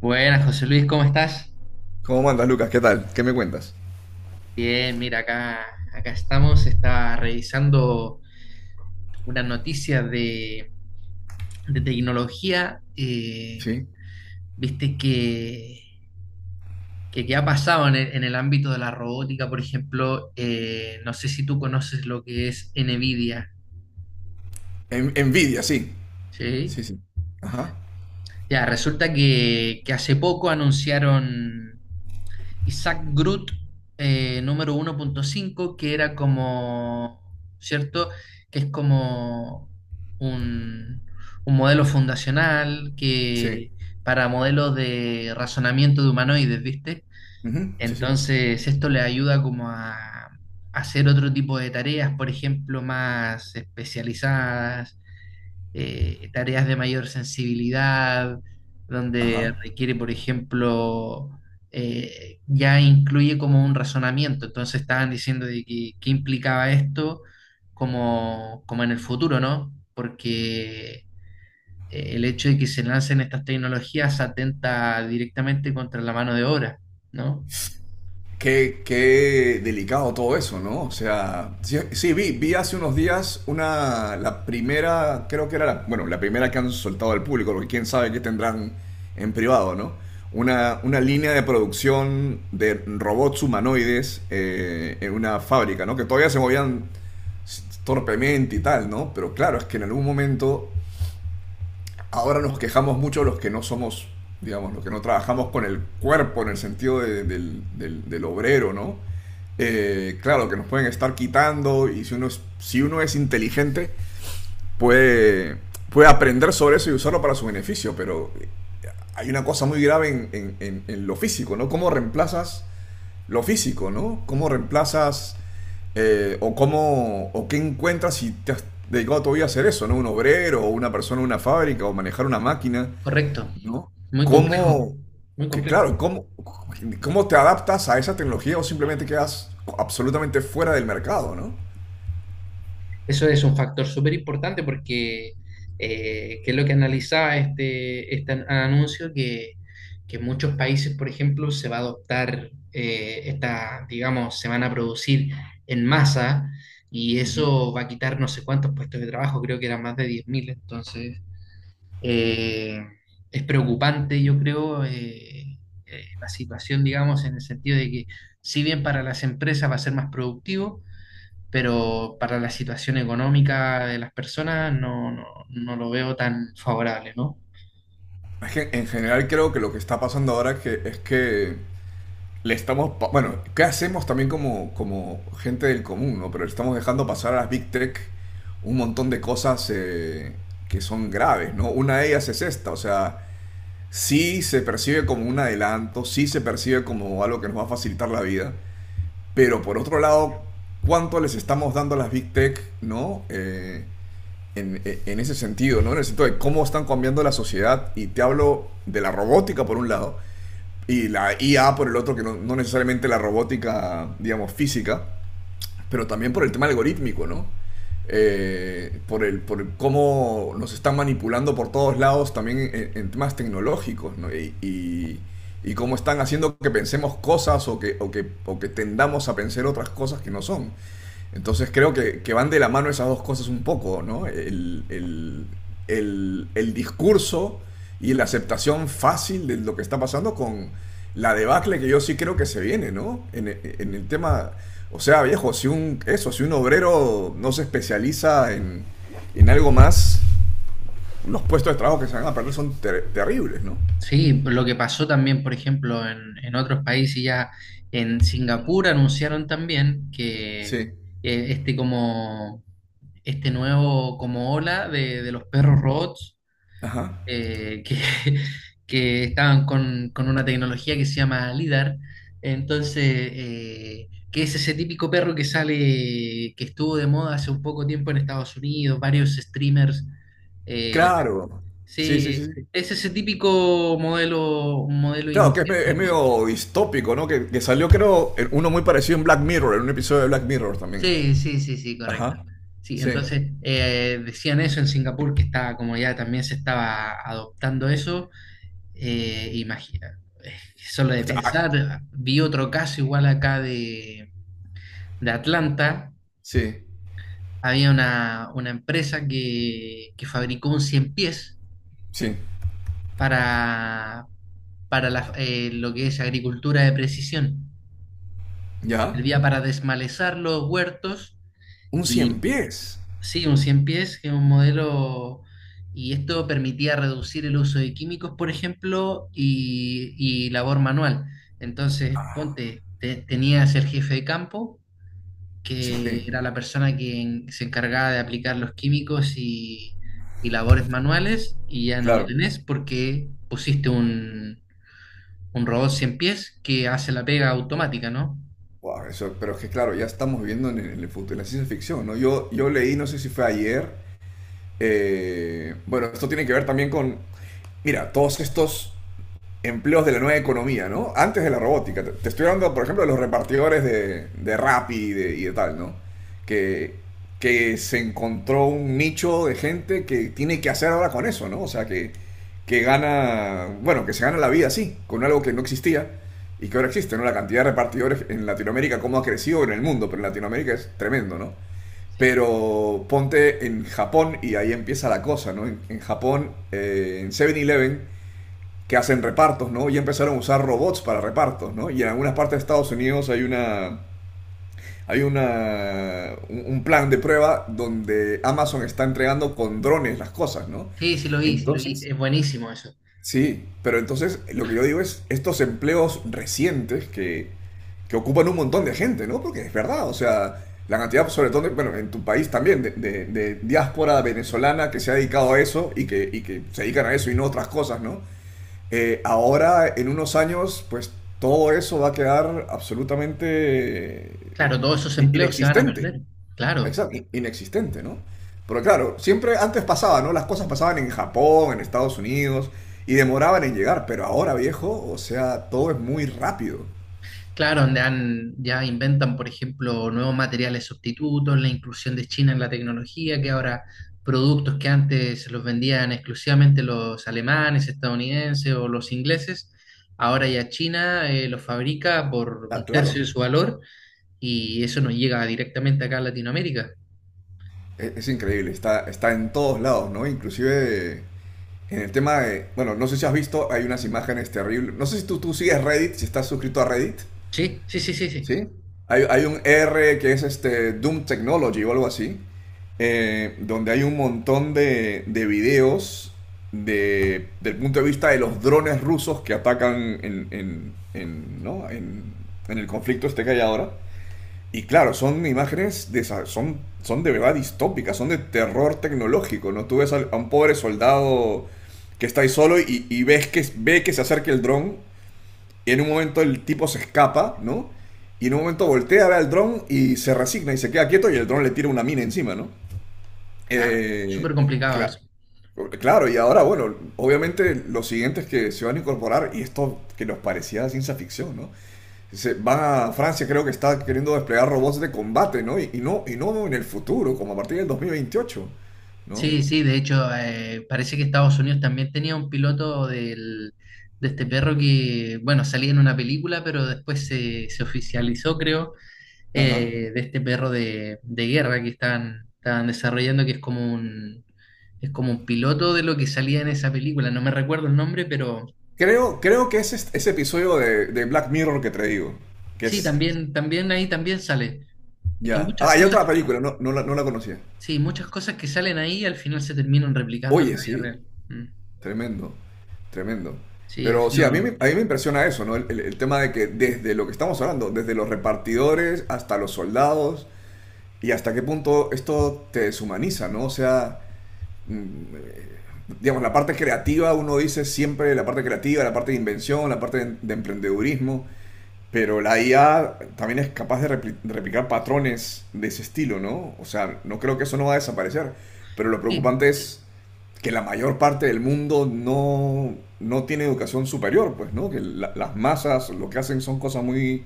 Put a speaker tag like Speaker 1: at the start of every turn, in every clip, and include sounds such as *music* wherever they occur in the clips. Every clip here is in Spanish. Speaker 1: Buenas, José Luis, ¿cómo estás?
Speaker 2: ¿Cómo mandas, Lucas? ¿Qué tal? ¿Qué me cuentas?
Speaker 1: Bien, mira, acá, acá estamos. Estaba revisando una noticia de tecnología. eh,
Speaker 2: Sí.
Speaker 1: viste que, que, que ha pasado en el ámbito de la robótica, por ejemplo. No sé si tú conoces lo que es NVIDIA,
Speaker 2: Envidia, sí.
Speaker 1: ¿sí?
Speaker 2: Sí, sí. Ajá.
Speaker 1: Ya, resulta que hace poco anunciaron. Isaac Groot número 1.5, que era como, ¿cierto? Que es como un, un modelo fundacional
Speaker 2: Sí.
Speaker 1: que para modelos de razonamiento de humanoides, ¿viste?
Speaker 2: Ujú, sí, sí.
Speaker 1: Entonces, esto le ayuda como a hacer otro tipo de tareas, por ejemplo, más especializadas, tareas de mayor sensibilidad, donde
Speaker 2: Ajá.
Speaker 1: requiere, por ejemplo, ya incluye como un razonamiento. Entonces estaban diciendo de que, qué implicaba esto como, como en el futuro, ¿no? Porque el hecho de que se lancen estas tecnologías atenta directamente contra la mano de obra, ¿no?
Speaker 2: Qué, qué delicado todo eso, ¿no? O sea, sí, sí, vi hace unos días una, la primera, creo que era la, bueno, la primera que han soltado al público, porque quién sabe qué tendrán en privado, ¿no? Una línea de producción de robots humanoides en una fábrica, ¿no? Que todavía se movían torpemente y tal, ¿no? Pero claro, es que en algún momento ahora nos quejamos mucho los que no somos, digamos, los que no trabajamos con el cuerpo en el sentido del obrero, ¿no? Claro, que nos pueden estar quitando y si uno es, si uno es inteligente puede, puede aprender sobre eso y usarlo para su beneficio, pero hay una cosa muy grave en lo físico, ¿no? ¿Cómo reemplazas lo físico, ¿no? ¿Cómo reemplazas o cómo o qué encuentras si te has dedicado todavía a hacer eso, ¿no? Un obrero o una persona en una fábrica o manejar una máquina.
Speaker 1: Correcto.
Speaker 2: ¿No?
Speaker 1: Muy complejo,
Speaker 2: ¿Cómo,
Speaker 1: muy
Speaker 2: que
Speaker 1: complejo.
Speaker 2: claro, cómo, cómo te adaptas a esa tecnología o simplemente quedas absolutamente fuera del mercado, ¿no?
Speaker 1: Eso es un factor súper importante porque, que es lo que analizaba este, anuncio, que en muchos países, por ejemplo, se va a adoptar esta, digamos, se van a producir en masa y
Speaker 2: Ujú.
Speaker 1: eso va a quitar no sé cuántos puestos de trabajo, creo que eran más de 10.000. Eh, es preocupante, yo creo, la situación, digamos, en el sentido de que si bien para las empresas va a ser más productivo, pero para la situación económica de las personas no, no, no lo veo tan favorable, ¿no?
Speaker 2: Es que en general creo que lo que está pasando ahora es es que le estamos, bueno, ¿qué hacemos también como, como gente del común, ¿no? Pero le estamos dejando pasar a las Big Tech un montón de cosas que son graves, ¿no? Una de ellas es esta, o sea, sí se percibe como un adelanto, sí se percibe como algo que nos va a facilitar la vida, pero por otro lado, ¿cuánto les estamos dando a las Big Tech, ¿no? En ese sentido, ¿no? En el sentido de cómo están cambiando la sociedad. Y te hablo de la robótica por un lado y la IA por el otro, que no, no necesariamente la robótica, digamos, física, pero también por el tema algorítmico, ¿no? Por el cómo nos están manipulando por todos lados también en temas tecnológicos, ¿no? Cómo están haciendo que pensemos cosas o o que tendamos a pensar otras cosas que no son. Entonces creo que van de la mano esas dos cosas un poco, ¿no? El discurso y la aceptación fácil de lo que está pasando con la debacle que yo sí creo que se viene, ¿no? En el tema, o sea, viejo, si un, eso, si un obrero no se especializa en algo más, los puestos de trabajo que se van a perder son terribles, ¿no?
Speaker 1: Sí, lo que pasó también, por ejemplo, en otros países ya, en Singapur anunciaron también que
Speaker 2: Sí.
Speaker 1: este como este nuevo como ola de los perros robots
Speaker 2: Ajá.
Speaker 1: eh, que, *laughs* que estaban con una tecnología que se llama LIDAR. Entonces, que es ese típico perro que sale, que estuvo de moda hace un poco tiempo en Estados Unidos, varios streamers. eh, les-
Speaker 2: Claro. Sí, sí, sí,
Speaker 1: sí,
Speaker 2: sí.
Speaker 1: es ese típico modelo, modelo
Speaker 2: Claro, que es,
Speaker 1: inicial
Speaker 2: es
Speaker 1: del bot.
Speaker 2: medio distópico, ¿no? Que salió, creo, uno muy parecido en Black Mirror, en un episodio de Black Mirror también.
Speaker 1: Sí, sí, sí, sí, correcto.
Speaker 2: Ajá.
Speaker 1: Sí,
Speaker 2: Sí.
Speaker 1: entonces decían eso en Singapur, que estaba como ya también se estaba adoptando eso. Imagina, solo
Speaker 2: O
Speaker 1: de
Speaker 2: sea, ah,
Speaker 1: pensar, vi otro caso igual acá de Atlanta.
Speaker 2: sí.
Speaker 1: Había una empresa que fabricó un cien pies
Speaker 2: Sí.
Speaker 1: para, para lo que es agricultura de precisión.
Speaker 2: ¿Ya?
Speaker 1: Servía para desmalezar los huertos.
Speaker 2: Un cien pies.
Speaker 1: Sí, un 100 pies, que es un modelo, y esto permitía reducir el uso de químicos, por ejemplo, y labor manual. Entonces, ponte, tenías el jefe de campo,
Speaker 2: Sí.
Speaker 1: que era la persona que se encargaba de aplicar los químicos y labores manuales, y ya no lo
Speaker 2: Claro.
Speaker 1: tenés porque pusiste un robot 100 pies que hace la pega automática, ¿no?
Speaker 2: Wow, eso, pero es que, claro, ya estamos viviendo en el futuro, en la ciencia ficción, ¿no? Yo leí, no sé si fue ayer. Bueno, esto tiene que ver también con. Mira, todos estos empleos de la nueva economía, ¿no? Antes de la robótica. Te, estoy hablando, por ejemplo, de los repartidores de Rappi y de tal, ¿no? Que, que se encontró un nicho de gente que tiene que hacer ahora con eso, ¿no? O sea, que gana, bueno, que se gana la vida así, con algo que no existía y que ahora existe, ¿no? La cantidad de repartidores en Latinoamérica, cómo ha crecido en el mundo, pero en Latinoamérica es tremendo, ¿no?
Speaker 1: Sí,
Speaker 2: Pero ponte en Japón y ahí empieza la cosa, ¿no? En Japón, en Seven eleven que hacen repartos, ¿no? Y empezaron a usar robots para repartos, ¿no? Y en algunas partes de Estados Unidos hay una un plan de prueba donde Amazon está entregando con drones las cosas, ¿no?
Speaker 1: sí, sí lo vi,
Speaker 2: Entonces,
Speaker 1: es buenísimo eso.
Speaker 2: sí, pero entonces lo que yo digo es estos empleos recientes que ocupan un montón de gente, ¿no? Porque es verdad, o sea, la cantidad, sobre todo, bueno, en tu país también, de diáspora venezolana que se ha dedicado a eso y que se dedican a eso y no a otras cosas, ¿no? Ahora, en unos años, pues todo eso va a quedar absolutamente eh,
Speaker 1: Claro, todos esos empleos se van a
Speaker 2: inexistente.
Speaker 1: perder, claro.
Speaker 2: Exacto, inexistente, ¿no? Pero claro, siempre antes pasaba, ¿no? Las cosas pasaban en Japón, en Estados Unidos, y demoraban en llegar, pero ahora, viejo, o sea, todo es muy rápido.
Speaker 1: Claro, donde han, ya inventan, por ejemplo, nuevos materiales sustitutos, la inclusión de China en la tecnología, que ahora productos que antes los vendían exclusivamente los alemanes, estadounidenses o los ingleses, ahora ya China los fabrica por
Speaker 2: Ah,
Speaker 1: un tercio de
Speaker 2: claro,
Speaker 1: su valor y eso nos llega directamente acá a Latinoamérica.
Speaker 2: es increíble, está, está en todos lados, ¿no? Inclusive en el tema de, bueno, no sé si has visto, hay unas imágenes terribles. No sé si tú, tú sigues Reddit, si estás suscrito a Reddit.
Speaker 1: Sí, sí, sí, sí, sí.
Speaker 2: ¿Sí? Hay un R que es este Doom Technology o algo así, donde hay un montón de videos del punto de vista de los drones rusos que atacan ¿no? En el conflicto este que hay ahora. Y claro, son imágenes de son, son de verdad distópicas, son de terror tecnológico, ¿no? Tú ves a un pobre soldado que está ahí solo y ves que ve que se acerca el dron y en un momento el tipo se escapa, ¿no? Y en un momento voltea a ver al dron y se resigna y se queda quieto y el dron le tira una mina encima, ¿no?
Speaker 1: Claro,
Speaker 2: Eh,
Speaker 1: súper complicado
Speaker 2: cla-
Speaker 1: eso.
Speaker 2: claro, y ahora, bueno, obviamente los siguientes que se van a incorporar, y esto que nos parecía ciencia ficción, ¿no? Se van a Francia, creo que está queriendo desplegar robots de combate, ¿no? Y no en el futuro, como a partir del 2028, ¿no?
Speaker 1: Sí, sí, de hecho, parece que Estados Unidos también tenía un piloto del, de este perro que, bueno, salía en una película, pero después se, se oficializó, creo,
Speaker 2: Ajá.
Speaker 1: de este perro de guerra que están, están desarrollando, que es como un piloto de lo que salía en esa película. No me recuerdo el nombre, pero
Speaker 2: Creo, creo que es ese episodio de Black Mirror que te digo, que
Speaker 1: sí,
Speaker 2: es
Speaker 1: también, también ahí también sale. Es que
Speaker 2: Ya.
Speaker 1: muchas
Speaker 2: Ah, hay
Speaker 1: cosas,
Speaker 2: otra película, no, no la, no la conocía.
Speaker 1: sí, muchas cosas que salen ahí al final se terminan replicando en
Speaker 2: Oye,
Speaker 1: la vida
Speaker 2: sí,
Speaker 1: real. Mm.
Speaker 2: tremendo, tremendo.
Speaker 1: Sí, ha
Speaker 2: Pero sí, a mí,
Speaker 1: sido,
Speaker 2: a mí me impresiona eso, ¿no? El tema de que desde lo que estamos hablando, desde los repartidores hasta los soldados, y hasta qué punto esto te deshumaniza, ¿no? O sea, mm, digamos, la parte creativa, uno dice siempre la parte creativa, la parte de invención, la parte de emprendedurismo, pero la IA también es capaz de de replicar patrones de ese estilo, ¿no? O sea, no creo que eso no va a desaparecer. Pero lo
Speaker 1: sí.
Speaker 2: preocupante es que la mayor parte del mundo no, no tiene educación superior, pues, ¿no? Que las masas lo que hacen son cosas muy,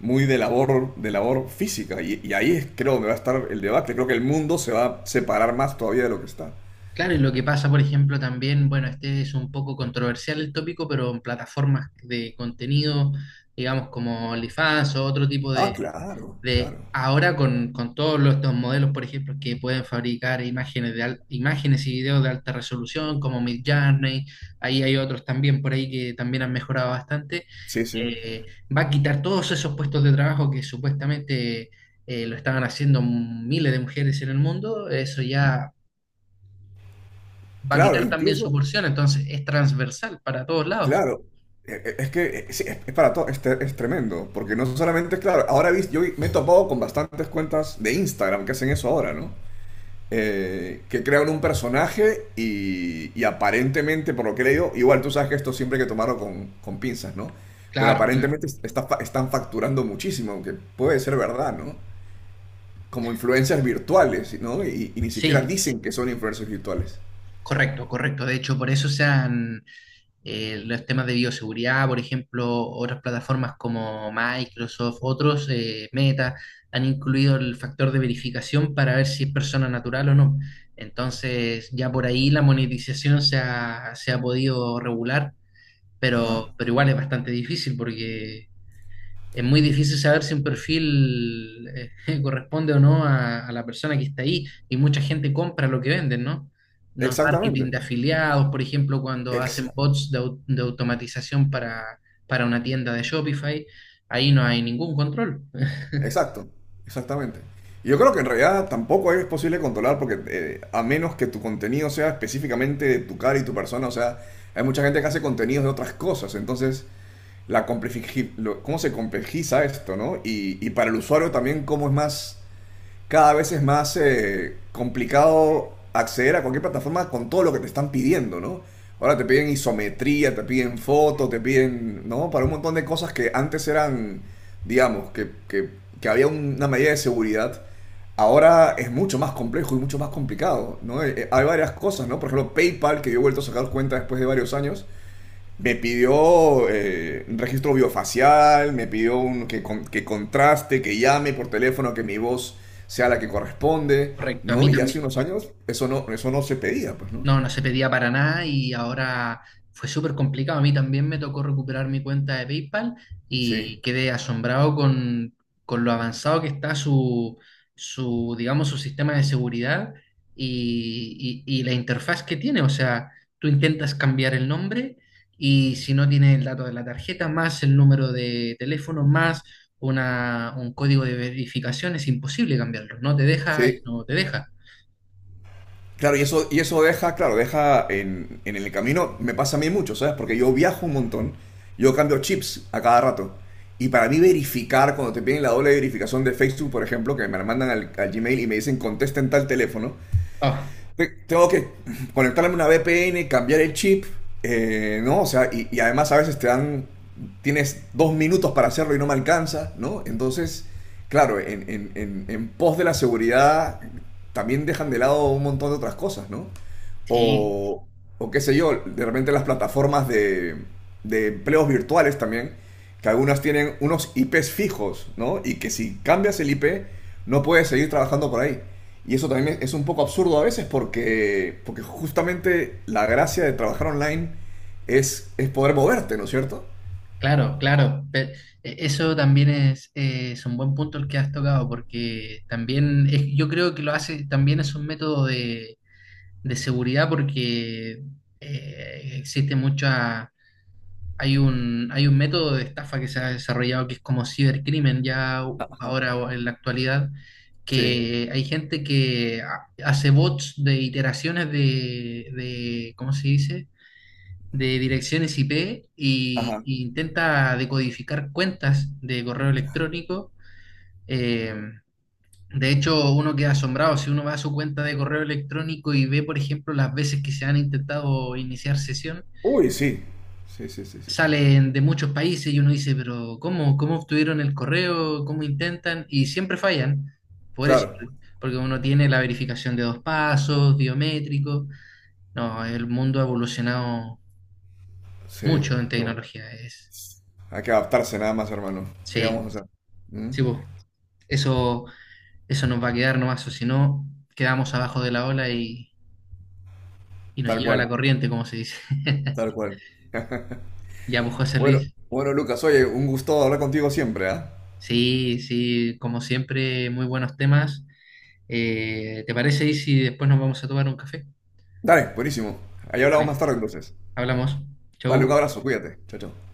Speaker 2: muy de labor física. Y ahí es, creo donde va a estar el debate. Creo que el mundo se va a separar más todavía de lo que está.
Speaker 1: Claro, y lo que pasa, por ejemplo, también, bueno, este es un poco controversial el tópico, pero en plataformas de contenido, digamos, como OnlyFans o otro tipo
Speaker 2: Ah, claro,
Speaker 1: de
Speaker 2: claro.
Speaker 1: ahora con estos modelos, por ejemplo, que pueden fabricar imágenes de imágenes y videos de alta resolución, como Midjourney, ahí hay otros también por ahí que también han mejorado bastante,
Speaker 2: Sí, sí.
Speaker 1: eh, va a quitar todos esos puestos de trabajo que supuestamente lo estaban haciendo miles de mujeres en el mundo, eso ya va a
Speaker 2: Claro,
Speaker 1: quitar también su
Speaker 2: incluso,
Speaker 1: porción, entonces es transversal para todos lados.
Speaker 2: claro, es que sí, es para todo, es, es tremendo, porque no solamente, claro, ahora yo me he topado con bastantes cuentas de Instagram que hacen eso ahora, ¿no? Que crean un personaje y aparentemente, por lo que he leído, igual tú sabes que esto siempre hay que tomarlo con pinzas, ¿no? Pero
Speaker 1: Claro, claro.
Speaker 2: aparentemente está están facturando muchísimo, aunque puede ser verdad, ¿no? Como influencias virtuales, ¿no? Y ni siquiera
Speaker 1: Sí,
Speaker 2: dicen que son influencias virtuales.
Speaker 1: correcto, correcto. De hecho, por eso se han los temas de bioseguridad, por ejemplo, otras plataformas como Microsoft, otros, Meta, han incluido el factor de verificación para ver si es persona natural o no. Entonces, ya por ahí la monetización se ha podido regular,
Speaker 2: Ajá.
Speaker 1: pero igual es bastante difícil porque es muy difícil saber si un perfil *laughs* corresponde o no a, a la persona que está ahí y mucha gente compra lo que venden, ¿no? Los marketing
Speaker 2: Exactamente.
Speaker 1: de afiliados, por ejemplo, cuando hacen
Speaker 2: Exacto.
Speaker 1: bots de, de automatización para una tienda de Shopify, ahí no hay ningún control.
Speaker 2: Exacto, exactamente. Y yo creo que en realidad tampoco es posible controlar porque a menos que tu contenido sea específicamente de tu cara y tu persona, o sea, hay mucha gente que hace contenidos de otras cosas, entonces la cómo se complejiza esto, ¿no? Y para el usuario también cómo es más cada vez es más complicado acceder a cualquier plataforma con todo lo que te están pidiendo, ¿no? Ahora te piden isometría, te piden fotos, te piden, ¿no? Para un montón de cosas que antes eran, digamos, que había una medida de seguridad. Ahora es mucho más complejo y mucho más complicado, ¿no? Hay varias cosas, ¿no? Por ejemplo, PayPal, que yo he vuelto a sacar cuenta después de varios años, me pidió un registro biofacial, me pidió un, que, que contraste, que llame por teléfono, que mi voz sea la que corresponde,
Speaker 1: Correcto, a
Speaker 2: ¿no?
Speaker 1: mí
Speaker 2: Y hace
Speaker 1: también.
Speaker 2: unos años eso no se pedía, pues, ¿no?
Speaker 1: No, no se pedía para nada y ahora fue súper complicado. A mí también me tocó recuperar mi cuenta de PayPal y
Speaker 2: Sí,
Speaker 1: quedé asombrado con lo avanzado que está su, su, digamos, su sistema de seguridad y, y la interfaz que tiene. O sea, tú intentas cambiar el nombre y si no tienes el dato de la tarjeta, más el número de teléfono, más una, un código de verificación, es imposible cambiarlo. No te deja y
Speaker 2: sí.
Speaker 1: no te deja.
Speaker 2: Claro, y eso deja, claro, deja en el camino, me pasa a mí mucho, ¿sabes? Porque yo viajo un montón, yo cambio chips a cada rato. Y para mí verificar, cuando te piden la doble verificación de Facebook, por ejemplo, que me la mandan al Gmail y me dicen contesta en tal teléfono,
Speaker 1: Ah,
Speaker 2: tengo que conectarme a una VPN, cambiar el chip, ¿no? O sea, y además a veces te dan, tienes 2 minutos para hacerlo y no me alcanza, ¿no? Entonces, claro, en pos de la seguridad también dejan de lado un montón de otras cosas, ¿no?
Speaker 1: sí.
Speaker 2: O, o qué sé yo, de repente las plataformas de empleos virtuales también que algunas tienen unos IPs fijos, ¿no? Y que si cambias el IP, no puedes seguir trabajando por ahí. Y eso también es un poco absurdo a veces porque, porque justamente la gracia de trabajar online es poder moverte, ¿no es cierto?
Speaker 1: Claro, claro. Eso también es un buen punto el que has tocado, porque también es- yo creo que lo hace, también es un método de seguridad, porque existe mucha, hay un método de estafa que se ha desarrollado que es como cibercrimen ya
Speaker 2: Ajá.
Speaker 1: ahora o en la actualidad,
Speaker 2: Sí.
Speaker 1: que hay gente que hace bots de iteraciones de ¿cómo se dice? De direcciones IP
Speaker 2: Ajá.
Speaker 1: y intenta decodificar cuentas de correo electrónico. Eh, de hecho, uno queda asombrado si uno va a su cuenta de correo electrónico y ve, por ejemplo, las veces que se han intentado iniciar sesión.
Speaker 2: Uy, sí. Sí, sí, sí, sí, sí.
Speaker 1: Salen de muchos países y uno dice, pero ¿cómo, cómo obtuvieron el correo? ¿Cómo intentan? Y siempre fallan. Por eso,
Speaker 2: Claro.
Speaker 1: porque uno tiene la verificación de 2 pasos, biométrico. No, el mundo ha evolucionado
Speaker 2: Sí.
Speaker 1: mucho en
Speaker 2: Qué bueno.
Speaker 1: tecnología. Es,
Speaker 2: Hay que adaptarse nada más, hermano. ¿Qué vamos
Speaker 1: sí.
Speaker 2: a hacer? ¿Mm?
Speaker 1: Sí, po. Eso, eso nos va a quedar nomás, o si no, quedamos abajo de la ola y nos
Speaker 2: Tal
Speaker 1: lleva la
Speaker 2: cual,
Speaker 1: corriente, como se dice.
Speaker 2: tal
Speaker 1: *laughs*
Speaker 2: cual.
Speaker 1: Ya, pues José
Speaker 2: Bueno,
Speaker 1: Luis,
Speaker 2: bueno, Lucas, oye, un gusto hablar contigo siempre, ¿ah?
Speaker 1: sí, sí, como siempre, muy buenos temas. ¿Te parece y si después nos vamos a tomar un café?
Speaker 2: Dale, buenísimo. Ahí hablamos
Speaker 1: Vale,
Speaker 2: más tarde entonces.
Speaker 1: hablamos.
Speaker 2: Vale,
Speaker 1: Chau.
Speaker 2: un abrazo, cuídate. Chao, chao.